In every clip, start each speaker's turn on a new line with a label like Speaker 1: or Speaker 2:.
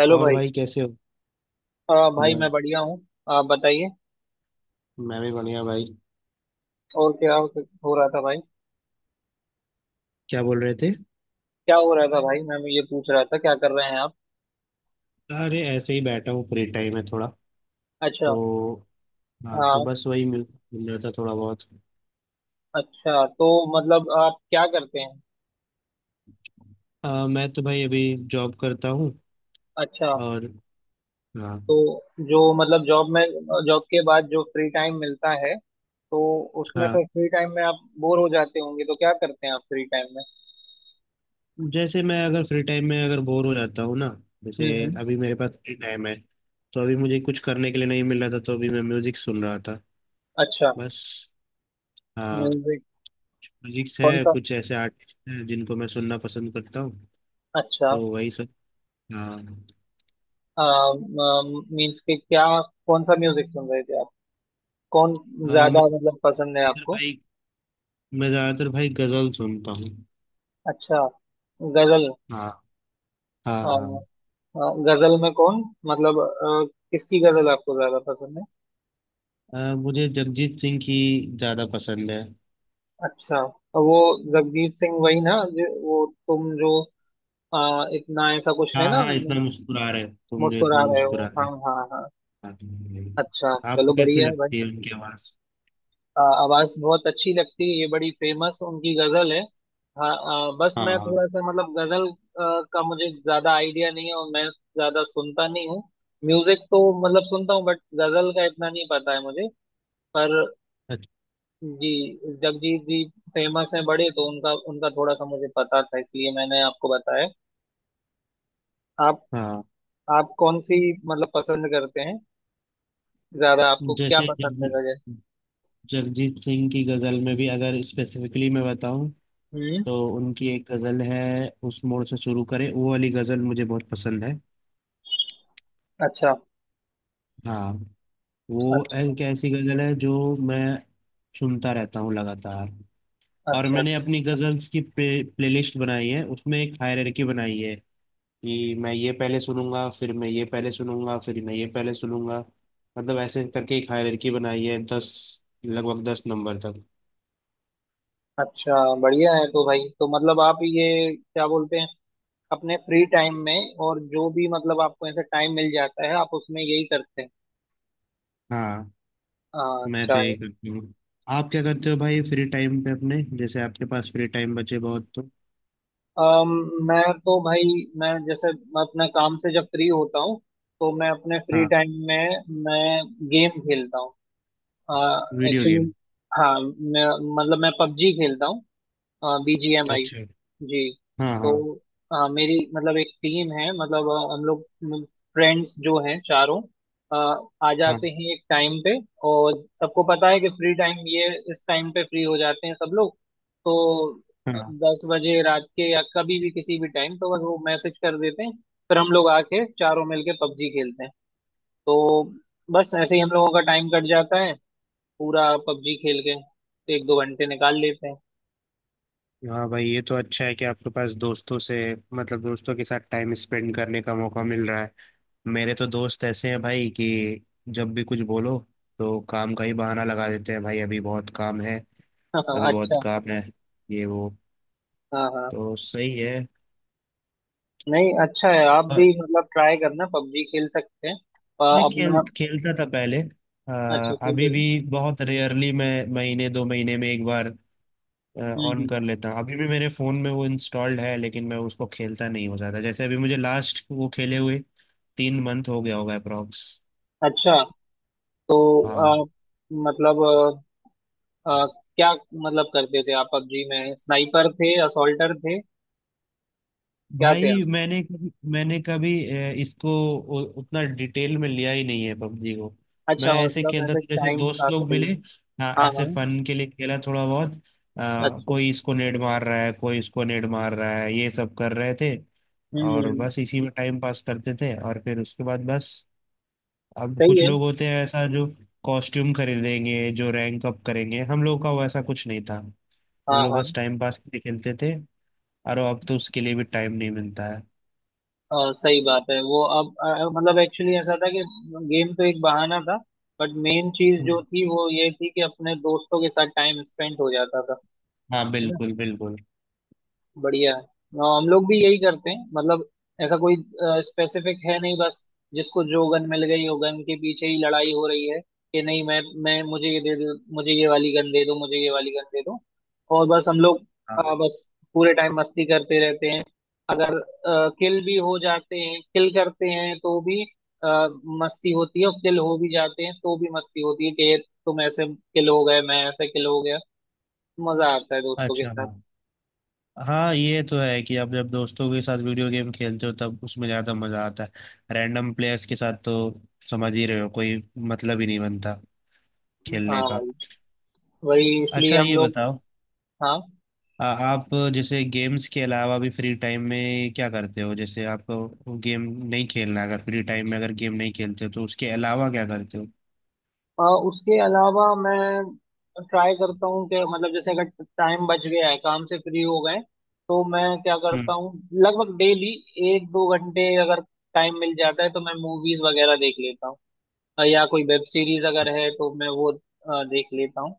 Speaker 1: Hello
Speaker 2: और
Speaker 1: भाई।
Speaker 2: भाई कैसे हो।
Speaker 1: भाई
Speaker 2: बस
Speaker 1: मैं बढ़िया हूँ। आप बताइए।
Speaker 2: मैं भी बढ़िया भाई।
Speaker 1: और क्या हो रहा था भाई।
Speaker 2: क्या बोल रहे थे?
Speaker 1: क्या हो रहा था भाई मैं ये पूछ रहा था क्या कर रहे हैं आप।
Speaker 2: अरे ऐसे ही बैठा हूँ, फ्री टाइम है थोड़ा
Speaker 1: अच्छा।
Speaker 2: तो। हाँ तो
Speaker 1: हाँ।
Speaker 2: बस वही मिल मिल रहा था थोड़ा बहुत।
Speaker 1: अच्छा तो मतलब आप क्या करते हैं।
Speaker 2: मैं तो भाई अभी जॉब करता हूँ।
Speaker 1: अच्छा।
Speaker 2: और हाँ
Speaker 1: तो जो मतलब जॉब में जॉब के बाद जो फ्री टाइम मिलता है तो उसमें तो
Speaker 2: हाँ।
Speaker 1: फ्री टाइम में आप बोर हो जाते होंगे तो क्या करते हैं आप फ्री टाइम में।
Speaker 2: जैसे मैं अगर फ्री टाइम में अगर बोर हो जाता हूँ ना, जैसे
Speaker 1: हम्म।
Speaker 2: अभी मेरे पास फ्री टाइम है तो अभी मुझे कुछ करने के लिए नहीं मिल रहा था, तो अभी मैं म्यूजिक सुन रहा था
Speaker 1: अच्छा।
Speaker 2: बस। हाँ,
Speaker 1: म्यूजिक
Speaker 2: म्यूजिक
Speaker 1: कौन
Speaker 2: है।
Speaker 1: सा।
Speaker 2: कुछ ऐसे आर्टिस्ट हैं जिनको मैं सुनना पसंद करता हूँ,
Speaker 1: अच्छा।
Speaker 2: तो वही सब। हाँ,
Speaker 1: मीन्स के क्या कौन सा म्यूजिक सुन रहे थे आप। कौन
Speaker 2: हाँ,
Speaker 1: ज्यादा मतलब पसंद है
Speaker 2: इधर
Speaker 1: आपको।
Speaker 2: भाई। मैं ज्यादातर भाई गजल सुनता हूँ।
Speaker 1: अच्छा। गजल।
Speaker 2: हाँ हाँ
Speaker 1: अ,
Speaker 2: हाँ।
Speaker 1: अ, गजल में कौन मतलब किसकी गजल आपको ज्यादा पसंद है।
Speaker 2: मुझे जगजीत सिंह की ज्यादा पसंद है।
Speaker 1: अच्छा। तो वो जगजीत सिंह वही ना जो वो तुम जो इतना ऐसा कुछ है
Speaker 2: हाँ
Speaker 1: ना।
Speaker 2: हाँ, इतना मुस्कुरा रहे, तुम जो
Speaker 1: मुस्कुरा
Speaker 2: इतना
Speaker 1: रहे हो
Speaker 2: मुस्कुरा रहे।
Speaker 1: हाँ हाँ हाँ।
Speaker 2: हाँ।
Speaker 1: अच्छा
Speaker 2: आपको
Speaker 1: चलो
Speaker 2: कैसी
Speaker 1: बढ़िया है भाई।
Speaker 2: लगती है उनकी आवाज?
Speaker 1: आवाज बहुत अच्छी लगती है ये बड़ी फेमस उनकी गजल है। हाँ बस
Speaker 2: हाँ
Speaker 1: मैं
Speaker 2: हाँ।
Speaker 1: थोड़ा सा मतलब गजल का मुझे ज्यादा आइडिया नहीं है और मैं ज्यादा सुनता नहीं हूँ। म्यूजिक तो मतलब सुनता हूँ बट गजल का इतना नहीं पता है मुझे। पर
Speaker 2: अच्छा।
Speaker 1: जी जगजीत जी फेमस हैं बड़े तो उनका उनका थोड़ा सा मुझे पता था इसलिए मैंने आपको बताया। आप
Speaker 2: हाँ,
Speaker 1: आप कौन सी मतलब पसंद करते हैं। ज्यादा आपको क्या
Speaker 2: जैसे
Speaker 1: पसंद है गजल।
Speaker 2: जगजीत सिंह की गजल में भी अगर स्पेसिफिकली मैं बताऊं,
Speaker 1: हम्म।
Speaker 2: तो उनकी एक गजल है, उस मोड़ से शुरू करें वो वाली गजल मुझे बहुत पसंद है।
Speaker 1: अच्छा
Speaker 2: हाँ, वो
Speaker 1: अच्छा
Speaker 2: एक ऐसी गजल है जो मैं सुनता रहता हूँ लगातार। और
Speaker 1: अच्छा
Speaker 2: मैंने अपनी गजल्स की प्लेलिस्ट बनाई है, उसमें एक हायरार्की बनाई है कि मैं ये पहले सुनूंगा, फिर मैं ये पहले सुनूंगा, फिर मैं ये पहले सुनूंगा। मतलब ऐसे करके एक हायरार्की बनाई है, दस, लगभग 10 नंबर तक।
Speaker 1: अच्छा। बढ़िया है तो भाई तो मतलब आप ये क्या बोलते हैं अपने फ्री टाइम में और जो भी मतलब आपको ऐसा टाइम मिल जाता है आप उसमें यही करते हैं।
Speaker 2: हाँ,
Speaker 1: हाँ,
Speaker 2: मैं
Speaker 1: अच्छा
Speaker 2: तो
Speaker 1: है।
Speaker 2: यही करती हूँ। आप क्या करते हो भाई फ्री टाइम पे अपने, जैसे आपके पास फ्री टाइम बचे बहुत तो?
Speaker 1: अम, मैं तो भाई मैं जैसे मैं अपने काम से जब फ्री होता हूँ तो मैं अपने फ्री
Speaker 2: हाँ।
Speaker 1: टाइम में मैं गेम खेलता हूँ।
Speaker 2: Video game?
Speaker 1: एक्चुअली हाँ मैं मतलब मैं पबजी खेलता हूँ। बीजीएमआई।
Speaker 2: अच्छा।
Speaker 1: जी।
Speaker 2: हाँ
Speaker 1: तो
Speaker 2: हाँ।
Speaker 1: मेरी मतलब एक टीम है मतलब हम लोग मतलब फ्रेंड्स जो हैं चारों अ, आ
Speaker 2: हाँ
Speaker 1: जाते हैं एक टाइम पे। और सबको पता है कि फ्री टाइम ये इस टाइम पे फ्री हो जाते हैं सब लोग तो
Speaker 2: हाँ।
Speaker 1: दस बजे रात के या कभी भी किसी भी टाइम तो बस वो मैसेज कर देते हैं। फिर हम लोग आके चारों मिलके पबजी खेलते हैं। तो बस ऐसे ही हम लोगों का टाइम कट जाता है पूरा पबजी खेल के एक दो घंटे निकाल लेते हैं।
Speaker 2: हाँ भाई, ये तो अच्छा है कि आपके पास दोस्तों से, मतलब दोस्तों के साथ टाइम स्पेंड करने का मौका मिल रहा है। मेरे तो दोस्त ऐसे हैं भाई कि जब भी कुछ बोलो तो काम का ही बहाना लगा देते हैं। भाई अभी बहुत काम है, अभी बहुत
Speaker 1: अच्छा।
Speaker 2: काम है, ये वो।
Speaker 1: हाँ हाँ।
Speaker 2: तो सही है।
Speaker 1: नहीं अच्छा है आप भी
Speaker 2: और
Speaker 1: मतलब ट्राई करना पबजी खेल सकते हैं
Speaker 2: मैं खेल
Speaker 1: अपना।
Speaker 2: खेलता था पहले।
Speaker 1: अच्छा खेल
Speaker 2: अभी
Speaker 1: रहे
Speaker 2: भी
Speaker 1: हो।
Speaker 2: बहुत रेयरली, मैं महीने 2 महीने में एक बार ऑन
Speaker 1: हम्म।
Speaker 2: कर लेता हूँ। अभी भी मेरे फोन में वो इंस्टॉल्ड है, लेकिन मैं उसको खेलता नहीं हो जाता। जैसे अभी मुझे लास्ट वो खेले हुए 3 मंथ हो गया होगा अप्रोक्स।
Speaker 1: अच्छा। तो
Speaker 2: हाँ
Speaker 1: अ, मतलब अ, अ, क्या मतलब करते थे आप पबजी में स्नाइपर थे असॉल्टर थे क्या थे आप।
Speaker 2: भाई, मैंने कभी इसको उतना डिटेल में लिया ही नहीं है पबजी को।
Speaker 1: अच्छा
Speaker 2: मैं ऐसे
Speaker 1: मतलब
Speaker 2: खेलता
Speaker 1: ऐसे
Speaker 2: था, जैसे
Speaker 1: टाइम
Speaker 2: दोस्त
Speaker 1: पास
Speaker 2: लोग
Speaker 1: के लिए।
Speaker 2: मिले, हाँ
Speaker 1: हाँ
Speaker 2: ऐसे
Speaker 1: हाँ।
Speaker 2: फन के लिए खेला थोड़ा बहुत।
Speaker 1: अच्छा।
Speaker 2: कोई इसको नेड मार रहा है, कोई इसको नेड मार रहा है, ये सब कर रहे थे। और
Speaker 1: हम्म।
Speaker 2: बस इसी में टाइम पास करते थे, और फिर उसके बाद बस। अब
Speaker 1: सही
Speaker 2: कुछ
Speaker 1: है।
Speaker 2: लोग होते हैं ऐसा जो कॉस्ट्यूम खरीदेंगे, जो रैंक अप करेंगे, हम लोग का वैसा कुछ नहीं था।
Speaker 1: हाँ
Speaker 2: हम लोग बस
Speaker 1: हाँ।
Speaker 2: टाइम पास के लिए खेलते थे। अरे अब तो उसके लिए भी टाइम नहीं मिलता है।
Speaker 1: सही बात है वो अब मतलब एक्चुअली ऐसा था कि गेम तो एक बहाना था बट मेन चीज
Speaker 2: हम्म,
Speaker 1: जो थी वो ये थी कि अपने दोस्तों के साथ टाइम स्पेंड हो जाता था।
Speaker 2: हाँ
Speaker 1: है ना।
Speaker 2: बिल्कुल बिल्कुल।
Speaker 1: बढ़िया है। हाँ, हम लोग भी यही करते हैं मतलब ऐसा कोई स्पेसिफिक है नहीं बस जिसको जो गन मिल गई हो गन के पीछे ही लड़ाई हो रही है कि नहीं मैं मुझे ये दे दो मुझे ये वाली गन दे दो मुझे ये वाली गन दे दो। और बस हम लोग
Speaker 2: हाँ।
Speaker 1: बस पूरे टाइम मस्ती करते रहते हैं। अगर किल भी हो जाते हैं किल करते हैं तो भी अ, मस्ती होती है और किल हो भी जाते हैं तो भी मस्ती होती है कि तुम ऐसे किल हो गए मैं ऐसे किल हो गया। मजा आता है दोस्तों के
Speaker 2: अच्छा।
Speaker 1: साथ।
Speaker 2: हाँ हाँ, ये तो है कि आप जब दोस्तों के साथ वीडियो गेम खेलते हो तब उसमें ज़्यादा मज़ा आता है। रैंडम प्लेयर्स के साथ तो, समझ ही रहे हो, कोई मतलब ही नहीं बनता खेलने
Speaker 1: हाँ
Speaker 2: का।
Speaker 1: भाई वही इसलिए
Speaker 2: अच्छा
Speaker 1: हम
Speaker 2: ये
Speaker 1: लोग।
Speaker 2: बताओ,
Speaker 1: हाँ।
Speaker 2: आप जैसे गेम्स के अलावा भी फ्री टाइम में क्या करते हो? जैसे आपको गेम नहीं खेलना, अगर फ्री टाइम में अगर गेम नहीं खेलते हो तो उसके अलावा क्या करते हो?
Speaker 1: अ, उसके अलावा मैं ट्राई करता हूँ कि मतलब जैसे अगर टाइम बच गया है काम से फ्री हो गए तो मैं क्या करता
Speaker 2: हम्म।
Speaker 1: हूँ लगभग डेली एक दो घंटे अगर टाइम मिल जाता है तो मैं मूवीज वगैरह देख लेता हूँ। या कोई वेब सीरीज अगर है तो मैं वो देख लेता हूँ।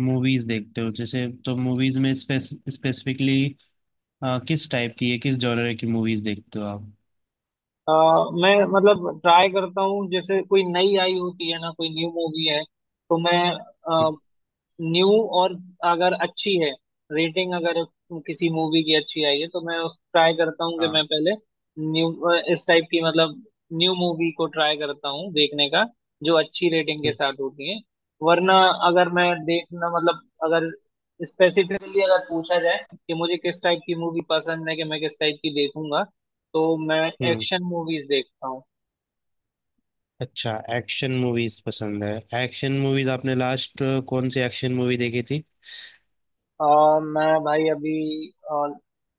Speaker 2: मूवीज देखते हो जैसे, तो मूवीज में स्पेसिफिकली किस टाइप की है, किस जॉनर की मूवीज देखते हो आप?
Speaker 1: अ, मैं मतलब ट्राई करता हूँ जैसे कोई नई आई होती है ना कोई न्यू मूवी है तो मैं न्यू और अगर अच्छी है रेटिंग अगर किसी मूवी की अच्छी आई है तो मैं उस ट्राई करता हूँ कि मैं
Speaker 2: हाँ।
Speaker 1: पहले न्यू इस टाइप की मतलब न्यू मूवी को ट्राई करता हूँ देखने का जो अच्छी रेटिंग के साथ होती है। वरना अगर मैं देखना मतलब अगर स्पेसिफिकली अगर पूछा जाए कि मुझे किस टाइप की मूवी पसंद है कि मैं किस टाइप की देखूंगा तो मैं
Speaker 2: हम्म।
Speaker 1: एक्शन मूवीज देखता हूँ।
Speaker 2: अच्छा, एक्शन मूवीज पसंद है। एक्शन मूवीज आपने लास्ट कौन सी एक्शन मूवी देखी थी?
Speaker 1: और मैं भाई अभी और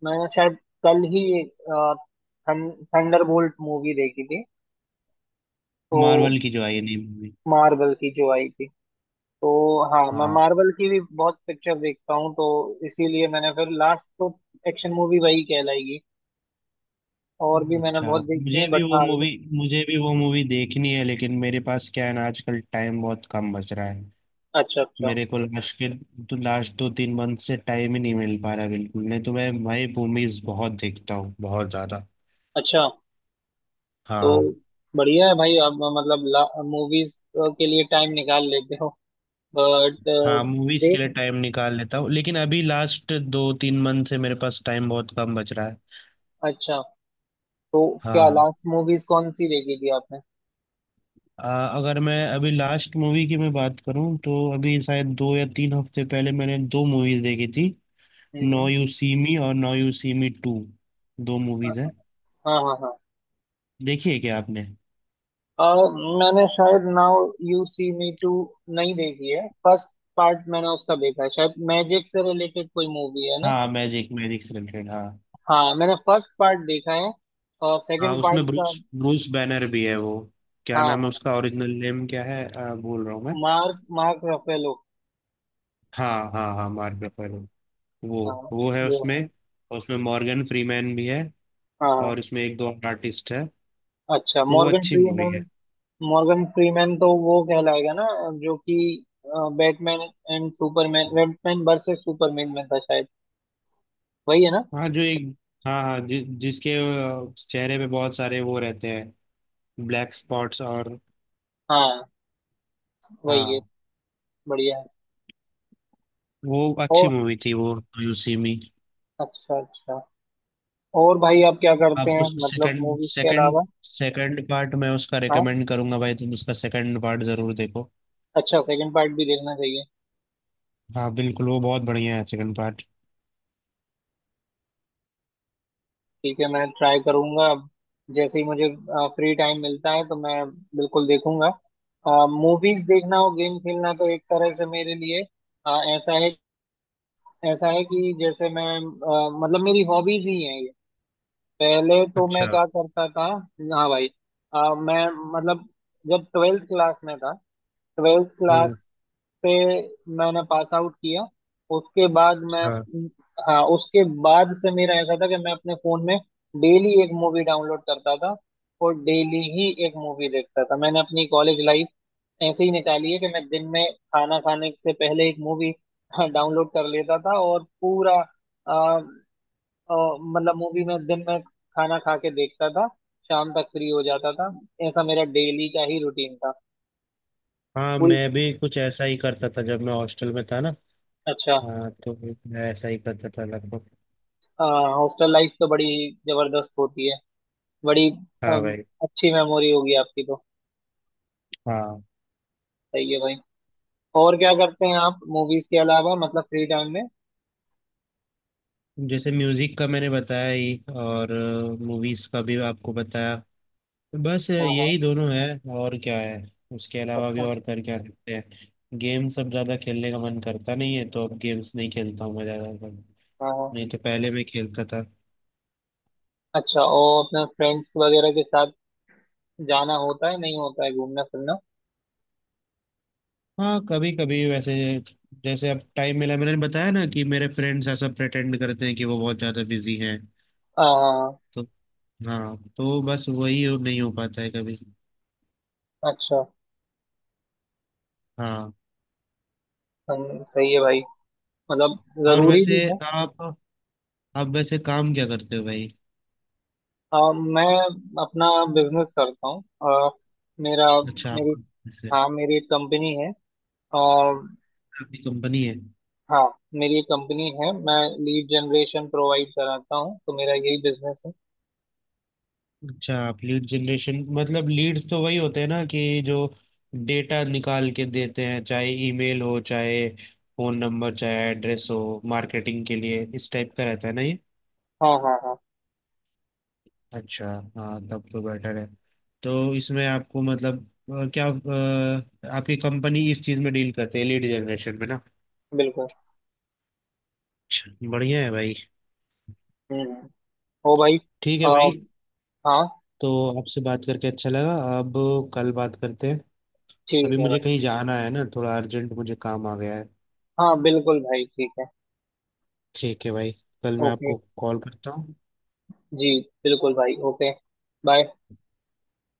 Speaker 1: मैंने शायद कल ही थंडरबोल्ट मूवी देखी थी तो
Speaker 2: मार्वल की जो आई है नई मूवी।
Speaker 1: मार्वल की जो आई थी तो। हाँ मैं
Speaker 2: हाँ।
Speaker 1: मार्वल की भी बहुत पिक्चर देखता हूँ तो इसीलिए मैंने फिर लास्ट तो एक्शन मूवी वही कहलाएगी और भी मैंने
Speaker 2: अच्छा,
Speaker 1: बहुत देखी है बट हाँ।
Speaker 2: मुझे भी वो मूवी देखनी है, लेकिन मेरे पास क्या है ना, आजकल टाइम बहुत कम बच रहा है।
Speaker 1: अच्छा अच्छा।
Speaker 2: मेरे को लास्ट के, तो लास्ट 2 3 मंथ से टाइम ही नहीं मिल पा रहा बिल्कुल। नहीं तो मैं भाई मूवीज बहुत देखता हूँ, बहुत ज्यादा।
Speaker 1: अच्छा। तो
Speaker 2: हाँ।
Speaker 1: बढ़िया है भाई आप मतलब मूवीज के लिए टाइम निकाल लेते हो बट
Speaker 2: हाँ, मूवीज के लिए
Speaker 1: देख।
Speaker 2: टाइम निकाल लेता हूँ, लेकिन अभी लास्ट 2 3 मंथ से मेरे पास टाइम बहुत कम बच रहा है।
Speaker 1: अच्छा। तो क्या
Speaker 2: हाँ।
Speaker 1: लास्ट मूवीज कौन सी देखी थी आपने।
Speaker 2: अगर मैं अभी लास्ट मूवी की मैं बात करूँ तो अभी शायद 2 या 3 हफ्ते पहले मैंने 2 मूवीज देखी थी। नो
Speaker 1: हम्म।
Speaker 2: यू सी मी और now you see me 2, 2 movies है।
Speaker 1: हाँ हाँ हाँ।
Speaker 2: देखी है क्या आपने?
Speaker 1: और मैंने शायद now you see me two नहीं देखी है फर्स्ट पार्ट मैंने उसका देखा है शायद मैजिक से रिलेटेड कोई मूवी है ना।
Speaker 2: हाँ, मैजिक, मैजिक से रिलेटेड हाँ।
Speaker 1: हाँ मैंने फर्स्ट पार्ट देखा है और
Speaker 2: हाँ
Speaker 1: सेकंड पार्ट
Speaker 2: उसमें
Speaker 1: का।
Speaker 2: ब्रूस ब्रूस बैनर भी है वो। क्या
Speaker 1: हाँ
Speaker 2: नाम है
Speaker 1: हाँ
Speaker 2: उसका, ओरिजिनल नेम क्या है बोल रहा हूँ मैं।
Speaker 1: Mark Mark Ruffalo.
Speaker 2: हाँ हाँ हाँ, मार्क रफेलो। वो
Speaker 1: हाँ
Speaker 2: वो है
Speaker 1: वो।
Speaker 2: उसमें। और उसमें मॉर्गन फ्रीमैन भी है।
Speaker 1: हाँ।
Speaker 2: और इसमें एक दो और आर्टिस्ट है,
Speaker 1: अच्छा
Speaker 2: तो वो
Speaker 1: मॉर्गन
Speaker 2: अच्छी मूवी
Speaker 1: फ्रीमैन।
Speaker 2: है।
Speaker 1: मॉर्गन फ्रीमैन तो वो कहलाएगा ना जो कि Batman and Superman Batman versus Superman में था शायद वही है ना।
Speaker 2: हाँ जो एक, हाँ हाँ जिसके चेहरे पे बहुत सारे वो रहते हैं, ब्लैक स्पॉट्स और।
Speaker 1: हाँ वही है।
Speaker 2: हाँ।
Speaker 1: बढ़िया है।
Speaker 2: वो
Speaker 1: ओ।
Speaker 2: अच्छी मूवी थी वो, यू सी मी।
Speaker 1: अच्छा अच्छा। और भाई आप क्या करते
Speaker 2: आपको
Speaker 1: हैं
Speaker 2: उसका
Speaker 1: मतलब
Speaker 2: सेकंड,
Speaker 1: मूवीज के अलावा।
Speaker 2: सेकंड पार्ट मैं उसका
Speaker 1: हाँ
Speaker 2: रिकमेंड करूंगा भाई, तुम उसका सेकंड पार्ट जरूर देखो।
Speaker 1: अच्छा सेकंड पार्ट भी देखना चाहिए।
Speaker 2: हाँ बिल्कुल, वो बहुत बढ़िया है सेकंड पार्ट।
Speaker 1: ठीक है मैं ट्राई करूंगा अब जैसे ही मुझे फ्री टाइम मिलता है तो मैं बिल्कुल देखूंगा। मूवीज देखना और गेम खेलना तो एक तरह से मेरे लिए अ, ऐसा है ऐसा है कि जैसे मैं मतलब मेरी हॉबीज ही हैं ये। पहले तो
Speaker 2: अच्छा।
Speaker 1: मैं क्या करता था। हाँ भाई मैं मतलब जब ट्वेल्थ क्लास में था ट्वेल्थ
Speaker 2: हम्म।
Speaker 1: क्लास पे मैंने पास आउट किया उसके बाद मैं।
Speaker 2: हाँ
Speaker 1: हाँ उसके बाद से मेरा ऐसा था कि मैं अपने फोन में डेली एक मूवी डाउनलोड करता था और डेली ही एक मूवी देखता था। मैंने अपनी कॉलेज लाइफ ऐसे ही निकाली है कि मैं दिन में खाना खाने से पहले एक मूवी हाँ, डाउनलोड कर लेता था और पूरा अ, मतलब मूवी में दिन में खाना खा के देखता था शाम तक फ्री हो जाता था। ऐसा मेरा डेली का ही रूटीन था
Speaker 2: हाँ,
Speaker 1: पूरी।
Speaker 2: मैं भी कुछ ऐसा ही करता था जब मैं हॉस्टल में था ना।
Speaker 1: अच्छा।
Speaker 2: हाँ तो मैं ऐसा ही करता था लगभग।
Speaker 1: हॉस्टल लाइफ तो बड़ी जबरदस्त होती है बड़ी।
Speaker 2: हाँ
Speaker 1: अम,
Speaker 2: भाई।
Speaker 1: अच्छी मेमोरी होगी आपकी तो।
Speaker 2: हाँ,
Speaker 1: सही है भाई। और क्या करते हैं आप मूवीज के अलावा मतलब फ्री टाइम में।
Speaker 2: जैसे म्यूजिक का मैंने बताया ही, और मूवीज का भी आपको बताया, बस
Speaker 1: हाँ हाँ।
Speaker 2: यही दोनों है। और क्या है, उसके अलावा भी
Speaker 1: अच्छा।
Speaker 2: और कर क्या सकते हैं? गेम्स अब ज्यादा खेलने का मन करता नहीं है, तो अब गेम्स नहीं खेलता हूँ मैं ज्यादा।
Speaker 1: हाँ हाँ।
Speaker 2: नहीं तो पहले मैं खेलता था।
Speaker 1: अच्छा और अपने फ्रेंड्स वगैरह के साथ जाना होता है नहीं होता है घूमना फिरना।
Speaker 2: हाँ कभी कभी वैसे, जैसे अब टाइम मिला, मैंने बताया ना कि मेरे फ्रेंड्स ऐसा प्रेटेंड करते हैं कि वो बहुत ज्यादा बिजी हैं,
Speaker 1: हाँ हाँ।
Speaker 2: तो। हाँ, तो बस वही नहीं हो पाता है कभी।
Speaker 1: अच्छा।
Speaker 2: हाँ।
Speaker 1: हम सही है भाई मतलब
Speaker 2: और
Speaker 1: जरूरी भी
Speaker 2: वैसे,
Speaker 1: है।
Speaker 2: आप आप वैसे काम क्या करते हो भाई?
Speaker 1: हाँ, मैं अपना बिजनेस करता हूँ मेरा
Speaker 2: अच्छा, आप
Speaker 1: मेरी
Speaker 2: वैसे,
Speaker 1: हाँ मेरी एक कंपनी है।
Speaker 2: आपकी कंपनी है?
Speaker 1: हाँ मेरी एक कंपनी है मैं लीड जनरेशन प्रोवाइड कराता हूँ तो मेरा यही बिजनेस है।
Speaker 2: अच्छा, आप लीड जनरेशन मतलब लीड्स तो वही होते हैं ना, कि जो डेटा निकाल के देते हैं, चाहे ईमेल हो, चाहे फोन नंबर, चाहे एड्रेस हो, मार्केटिंग के लिए, इस टाइप का रहता है ना ये?
Speaker 1: हाँ हाँ हाँ।
Speaker 2: अच्छा, हाँ तब तो बेटर है। तो इसमें आपको मतलब, क्या आपकी कंपनी इस चीज़ में डील करते है लीड जनरेशन में ना?
Speaker 1: बिल्कुल।
Speaker 2: अच्छा बढ़िया है भाई।
Speaker 1: हम्म। ओ भाई
Speaker 2: ठीक
Speaker 1: आ,
Speaker 2: है भाई।
Speaker 1: हाँ।
Speaker 2: तो आपसे बात करके अच्छा लगा, अब कल बात करते हैं।
Speaker 1: ठीक
Speaker 2: अभी
Speaker 1: है
Speaker 2: मुझे
Speaker 1: भाई।
Speaker 2: कहीं जाना है ना, थोड़ा अर्जेंट मुझे काम आ गया है।
Speaker 1: हाँ बिल्कुल भाई ठीक है।
Speaker 2: ठीक है भाई, कल मैं
Speaker 1: ओके
Speaker 2: आपको कॉल करता हूँ।
Speaker 1: जी। बिल्कुल भाई ओके। बाय।